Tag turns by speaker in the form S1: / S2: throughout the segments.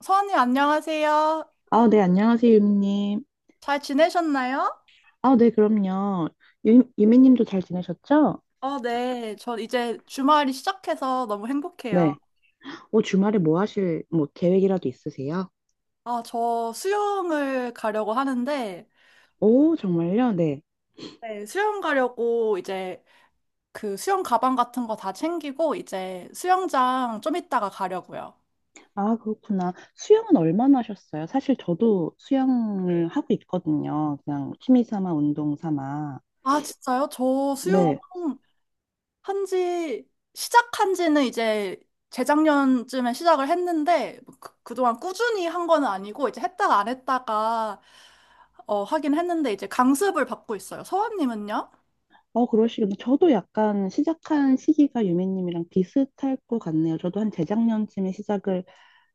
S1: 서원님 안녕하세요.
S2: 아, 네, 안녕하세요, 유미님.
S1: 잘 지내셨나요?
S2: 아, 네, 그럼요. 유미님도 잘 지내셨죠?
S1: 어, 네. 저 이제 주말이 시작해서 너무 행복해요.
S2: 네. 오, 주말에 계획이라도 있으세요?
S1: 아, 저 수영을 가려고 하는데,
S2: 오, 정말요? 네.
S1: 네, 수영 가려고 이제 그 수영 가방 같은 거 다 챙기고, 이제 수영장 좀 이따가 가려고요.
S2: 아, 그렇구나. 수영은 얼마나 하셨어요? 사실 저도 수영을 하고 있거든요. 그냥 취미 삼아, 운동 삼아.
S1: 아, 진짜요? 저 수영,
S2: 네.
S1: 한지 시작한 지는 이제 재작년쯤에 시작을 했는데 뭐 그, 그동안 꾸준히 한 거는 아니고 이제 했다가 안 했다가 하긴 했는데 이제 강습을 받고 있어요. 서원님은요?
S2: 어, 그러시군요. 저도 약간 시작한 시기가 유미님이랑 비슷할 것 같네요. 저도 한 재작년쯤에 시작을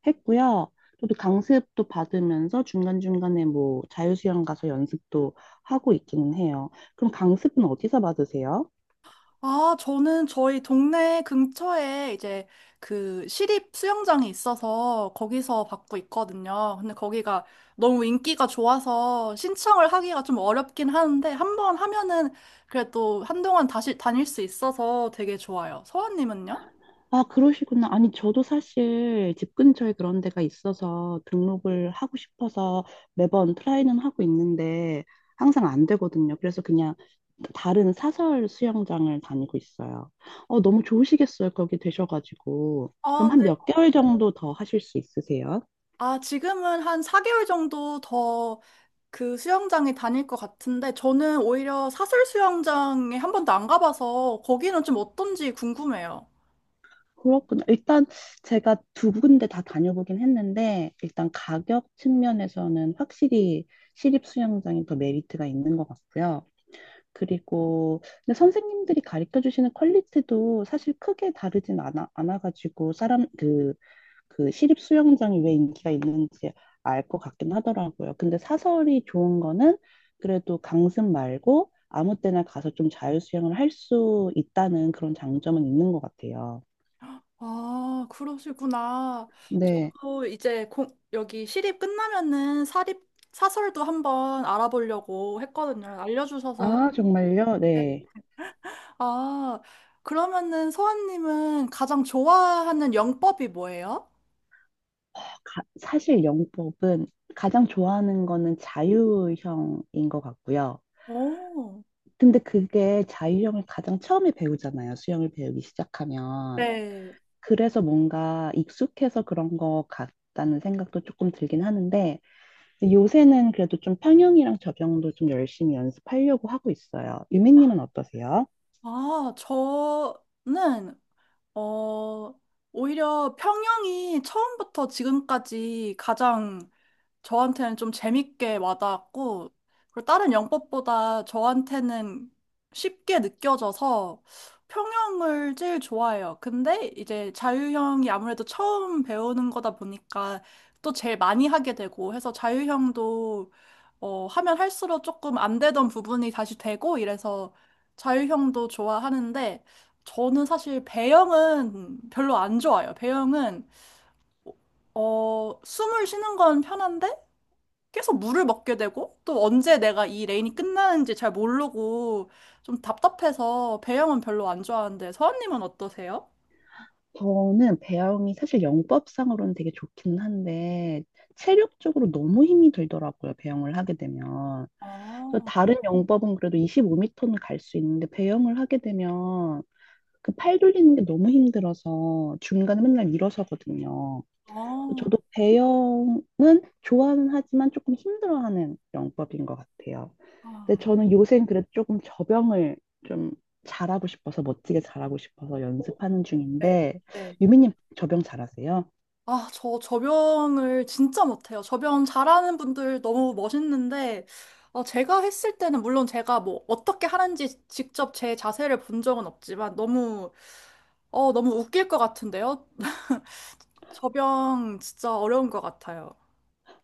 S2: 했고요. 저도 강습도 받으면서 중간중간에 뭐 자유수영 가서 연습도 하고 있기는 해요. 그럼 강습은 어디서 받으세요?
S1: 아, 저는 저희 동네 근처에 이제 그 시립 수영장이 있어서 거기서 받고 있거든요. 근데 거기가 너무 인기가 좋아서 신청을 하기가 좀 어렵긴 하는데 한번 하면은 그래도 한동안 다시 다닐 수 있어서 되게 좋아요. 서원님은요?
S2: 아, 그러시구나. 아니, 저도 사실 집 근처에 그런 데가 있어서 등록을 하고 싶어서 매번 트라이는 하고 있는데 항상 안 되거든요. 그래서 그냥 다른 사설 수영장을 다니고 있어요. 어, 너무 좋으시겠어요. 거기 되셔가지고.
S1: 아,
S2: 그럼 한
S1: 네.
S2: 몇 개월 정도 더 하실 수 있으세요?
S1: 아, 지금은 한 4개월 정도 더 그 수영장에 다닐 것 같은데, 저는 오히려 사설 수영장에 한 번도 안 가봐서 거기는 좀 어떤지 궁금해요.
S2: 그렇군요. 일단 제가 두 군데 다 다녀보긴 했는데, 일단 가격 측면에서는 확실히 시립 수영장이 더 메리트가 있는 것 같고요. 그리고 근데 선생님들이 가르쳐 주시는 퀄리티도 사실 크게 다르진 않아가지고 사람 그 시립 수영장이 왜 인기가 있는지 알 것 같긴 하더라고요. 근데 사설이 좋은 거는 그래도 강습 말고 아무 때나 가서 좀 자유 수영을 할 수 있다는 그런 장점은 있는 것 같아요.
S1: 아, 그러시구나. 또 이제 여기 시립 끝나면은 사립 사설도 한번 알아보려고 했거든요. 알려주셔서.
S2: 아, 정말요? 네.
S1: 아, 그러면은 서아님은 가장 좋아하는 영법이 뭐예요?
S2: 사실 영법은 가장 좋아하는 거는 자유형인 것 같고요.
S1: 오,
S2: 근데 그게 자유형을 가장 처음에 배우잖아요. 수영을 배우기 시작하면.
S1: 네.
S2: 그래서 뭔가 익숙해서 그런 것 같다는 생각도 조금 들긴 하는데, 요새는 그래도 좀 평형이랑 접영도 좀 열심히 연습하려고 하고 있어요. 유미님은 어떠세요?
S1: 아, 저는, 어, 오히려 평영이 처음부터 지금까지 가장 저한테는 좀 재밌게 와닿았고, 그리고 다른 영법보다 저한테는 쉽게 느껴져서 평형을 제일 좋아해요. 근데 이제 자유형이 아무래도 처음 배우는 거다 보니까 또 제일 많이 하게 되고 해서 자유형도 하면 할수록 조금 안 되던 부분이 다시 되고 이래서 자유형도 좋아하는데 저는 사실 배영은 별로 안 좋아요. 배영은 숨을 쉬는 건 편한데 계속 물을 먹게 되고 또 언제 내가 이 레인이 끝나는지 잘 모르고 좀 답답해서 배영은 별로 안 좋아하는데 서원님은 어떠세요?
S2: 저는 배영이 사실 영법상으로는 되게 좋기는 한데 체력적으로 너무 힘이 들더라고요. 배영을 하게 되면. 그래서
S1: 아,
S2: 다른 영법은 그래도 25m는 갈 수 있는데 배영을 하게 되면 그 팔 돌리는 게 너무 힘들어서 중간에 맨날 일어서거든요. 그래서
S1: 아,
S2: 저도 배영은 좋아는 하지만 조금 힘들어하는 영법인 것 같아요. 근데
S1: 아.
S2: 저는 요새는 그래도 조금 저병을 좀 잘하고 싶어서 멋지게 잘하고 싶어서 연습하는
S1: 네,
S2: 중인데
S1: 네.
S2: 유미님 저병 잘하세요?
S1: 아, 저 접영을 진짜 못해요. 접영 잘하는 분들 너무 멋있는데, 어, 제가 했을 때는 물론 제가 뭐 어떻게 하는지 직접 제 자세를 본 적은 없지만 너무, 어, 너무 웃길 것 같은데요? 접영 진짜 어려운 것 같아요.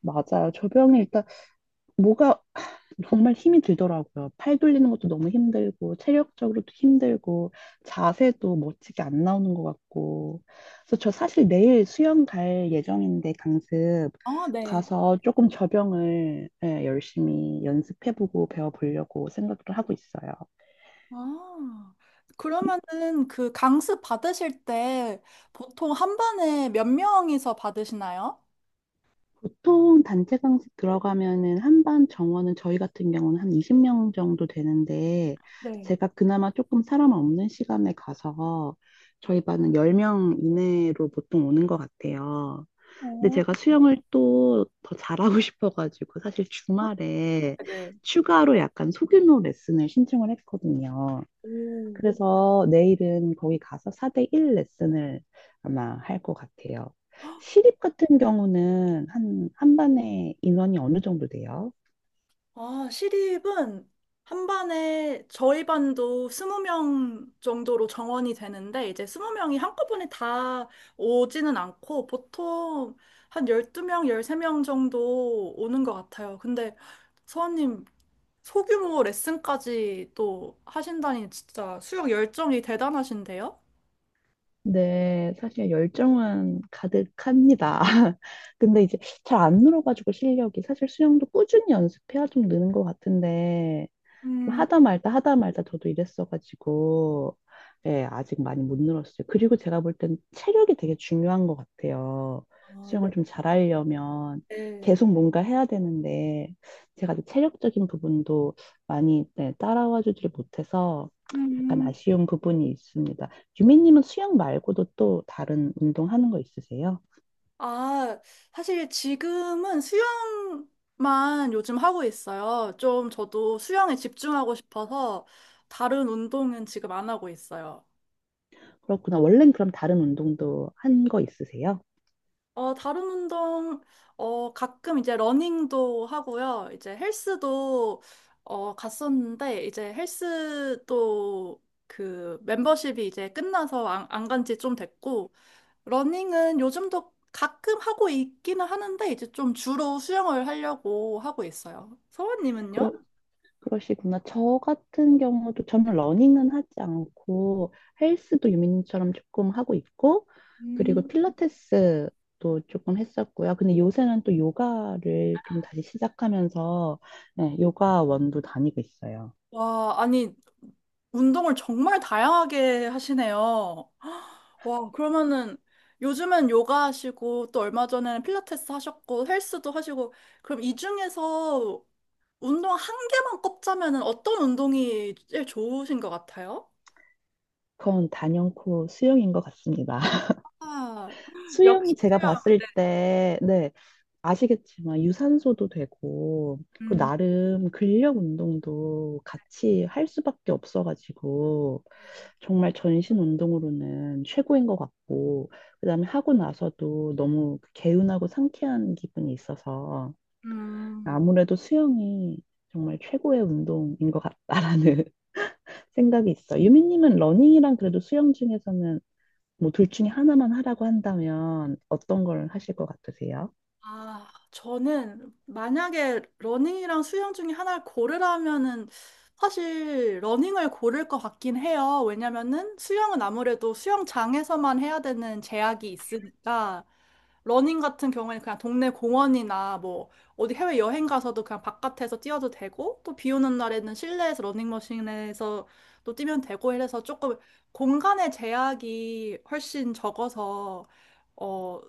S2: 맞아요. 저병이 일단 뭐가 정말 힘이 들더라고요. 팔 돌리는 것도 너무 힘들고 체력적으로도 힘들고 자세도 멋지게 안 나오는 것 같고 그래서 저 사실 내일 수영 갈 예정인데 강습
S1: 아, 네.
S2: 가서 조금 저병을 예, 열심히 연습해보고 배워보려고 생각을 하고 있어요.
S1: 아, 그러면은 그 강습 받으실 때 보통 한 반에 몇 명이서 받으시나요?
S2: 보통 단체 강습 들어가면은 한 반 정원은 저희 같은 경우는 한 20명 정도 되는데
S1: 네.
S2: 제가 그나마 조금 사람 없는 시간에 가서 저희 반은 10명 이내로 보통 오는 것 같아요. 근데
S1: 오.
S2: 제가 수영을 또 더 잘하고 싶어가지고 사실 주말에
S1: 네.
S2: 추가로 약간 소규모 레슨을 신청을 했거든요.
S1: 오.
S2: 그래서 내일은 거기 가서 4대1 레슨을 아마 할 것 같아요. 시립 같은 경우는 한 반에 인원이 어느 정도 돼요?
S1: 아, 시립은 한 반에 저희 반도 20명 정도로 정원이 되는데 이제 스무 명이 한꺼번에 다 오지는 않고 보통 한 12명 13명 정도 오는 것 같아요. 근데 서원님 소규모 레슨까지 또 하신다니 진짜 수영 열정이 대단하신데요?
S2: 네, 사실 열정은 가득합니다. 근데 이제 잘 안 늘어가지고 실력이 사실 수영도 꾸준히 연습해야 좀 느는 것 같은데 좀
S1: 음,
S2: 하다 말다 하다 말다 저도 이랬어가지고 예, 아직 많이 못 늘었어요. 그리고 제가 볼 땐 체력이 되게 중요한 것 같아요.
S1: 아, 네.
S2: 수영을 좀 잘하려면
S1: 네.
S2: 계속 뭔가 해야 되는데 제가 이제 체력적인 부분도 많이 네, 따라와 주지를 못해서 약간
S1: 음,
S2: 아쉬운 부분이 있습니다. 유미님은 수영 말고도 또 다른 운동 하는 거 있으세요?
S1: 아, 사실 지금은 수영만 요즘 하고 있어요. 좀 저도 수영에 집중하고 싶어서 다른 운동은 지금 안 하고 있어요.
S2: 그렇구나. 원래는 그럼 다른 운동도 한 거 있으세요?
S1: 어, 다른 운동, 가끔 이제 러닝도 하고요. 이제 헬스도, 어, 갔었는데, 이제 헬스도 그 멤버십이 이제 끝나서 안, 안간 지 좀 됐고, 러닝은 요즘도 가끔 하고 있기는 하는데, 이제 좀 주로 수영을 하려고 하고 있어요. 서원님은요?
S2: 그러, 그러시구나. 저 같은 경우도 저는 러닝은 하지 않고 헬스도 유민님처럼 조금 하고 있고 그리고
S1: 음.
S2: 필라테스도 조금 했었고요. 근데 요새는 또 요가를 좀 다시 시작하면서 네, 요가원도 다니고 있어요.
S1: 와, 아니, 운동을 정말 다양하게 하시네요. 와, 그러면은 요즘은 요가 하시고 또 얼마 전에는 필라테스 하셨고 헬스도 하시고 그럼 이 중에서 운동 한 개만 꼽자면은 어떤 운동이 제일 좋으신 것 같아요?
S2: 그건 단연코 수영인 것 같습니다.
S1: 아, 역시
S2: 수영이 제가
S1: 수영.
S2: 봤을
S1: 네.
S2: 때, 네, 아시겠지만 유산소도 되고 그리고
S1: 음,
S2: 나름 근력 운동도 같이 할 수밖에 없어가지고 정말 전신 운동으로는 최고인 것 같고 그다음에 하고 나서도 너무 개운하고 상쾌한 기분이 있어서
S1: 음.
S2: 아무래도 수영이 정말 최고의 운동인 것 같다라는 생각이 있어. 유미님은 러닝이랑 그래도 수영 중에서는 뭐 둘 중에 하나만 하라고 한다면 어떤 걸 하실 것 같으세요?
S1: 아, 저는 만약에 러닝이랑 수영 중에 하나를 고르라면은 사실 러닝을 고를 것 같긴 해요. 왜냐면은 수영은 아무래도 수영장에서만 해야 되는 제약이 있으니까 러닝 같은 경우에는 그냥 동네 공원이나 뭐 어디 해외 여행 가서도 그냥 바깥에서 뛰어도 되고 또 비 오는 날에는 실내에서 러닝머신에서 또 뛰면 되고 이래서 조금 공간의 제약이 훨씬 적어서 어,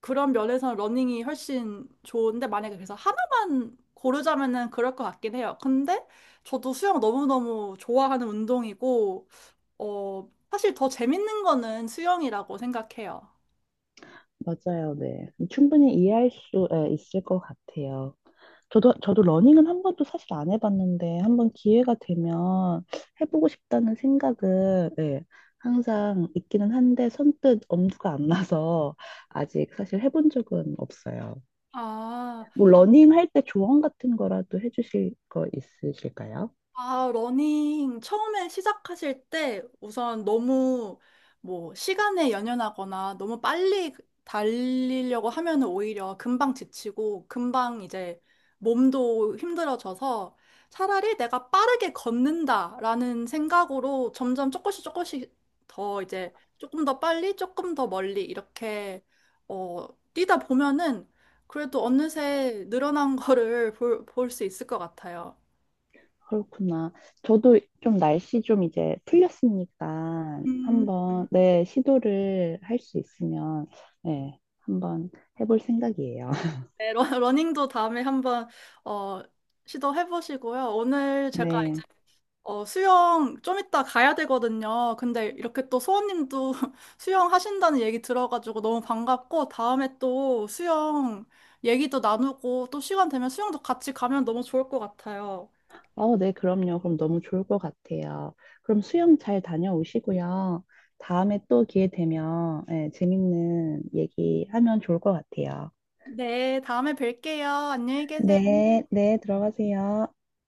S1: 그런 면에서는 러닝이 훨씬 좋은데 만약에 그래서 하나만 고르자면은 그럴 것 같긴 해요. 근데 저도 수영 너무너무 좋아하는 운동이고, 어, 사실 더 재밌는 거는 수영이라고 생각해요.
S2: 맞아요, 네. 충분히 이해할 수 예, 있을 것 같아요. 저도 러닝은 한 번도 사실 안 해봤는데, 한 번 기회가 되면 해보고 싶다는 생각은, 예, 항상 있기는 한데, 선뜻 엄두가 안 나서 아직 사실 해본 적은 없어요.
S1: 아.
S2: 뭐, 러닝 할 때 조언 같은 거라도 해주실 거 있으실까요?
S1: 아, 러닝 처음에 시작하실 때 우선 너무 뭐 시간에 연연하거나 너무 빨리 달리려고 하면은 오히려 금방 지치고 금방 이제 몸도 힘들어져서 차라리 내가 빠르게 걷는다라는 생각으로 점점 조금씩 조금씩 더 이제 조금 더 빨리 조금 더 멀리 이렇게 어, 뛰다 보면은 그래도 어느새 늘어난 거를 볼 수 있을 것 같아요.
S2: 그렇구나. 저도 좀 날씨 좀 이제 풀렸으니까
S1: 음.
S2: 한번 네, 시도를 할 수 있으면 네, 한번 해볼 생각이에요.
S1: 네, 러닝도 다음에 한번 어, 시도해 보시고요. 오늘 제가 이제
S2: 네.
S1: 수영 좀 이따 가야 되거든요. 근데 이렇게 또 소원님도 수영 하신다는 얘기 들어가지고 너무 반갑고 다음에 또 수영 얘기도 나누고 또 시간 되면 수영도 같이 가면 너무 좋을 것 같아요.
S2: 어, 네, 그럼요. 그럼 너무 좋을 것 같아요. 그럼 수영 잘 다녀오시고요. 다음에 또 기회 되면 네, 재밌는 얘기하면 좋을 것 같아요.
S1: 네, 다음에 뵐게요. 안녕히 계세요.
S2: 네, 네, 들어가세요.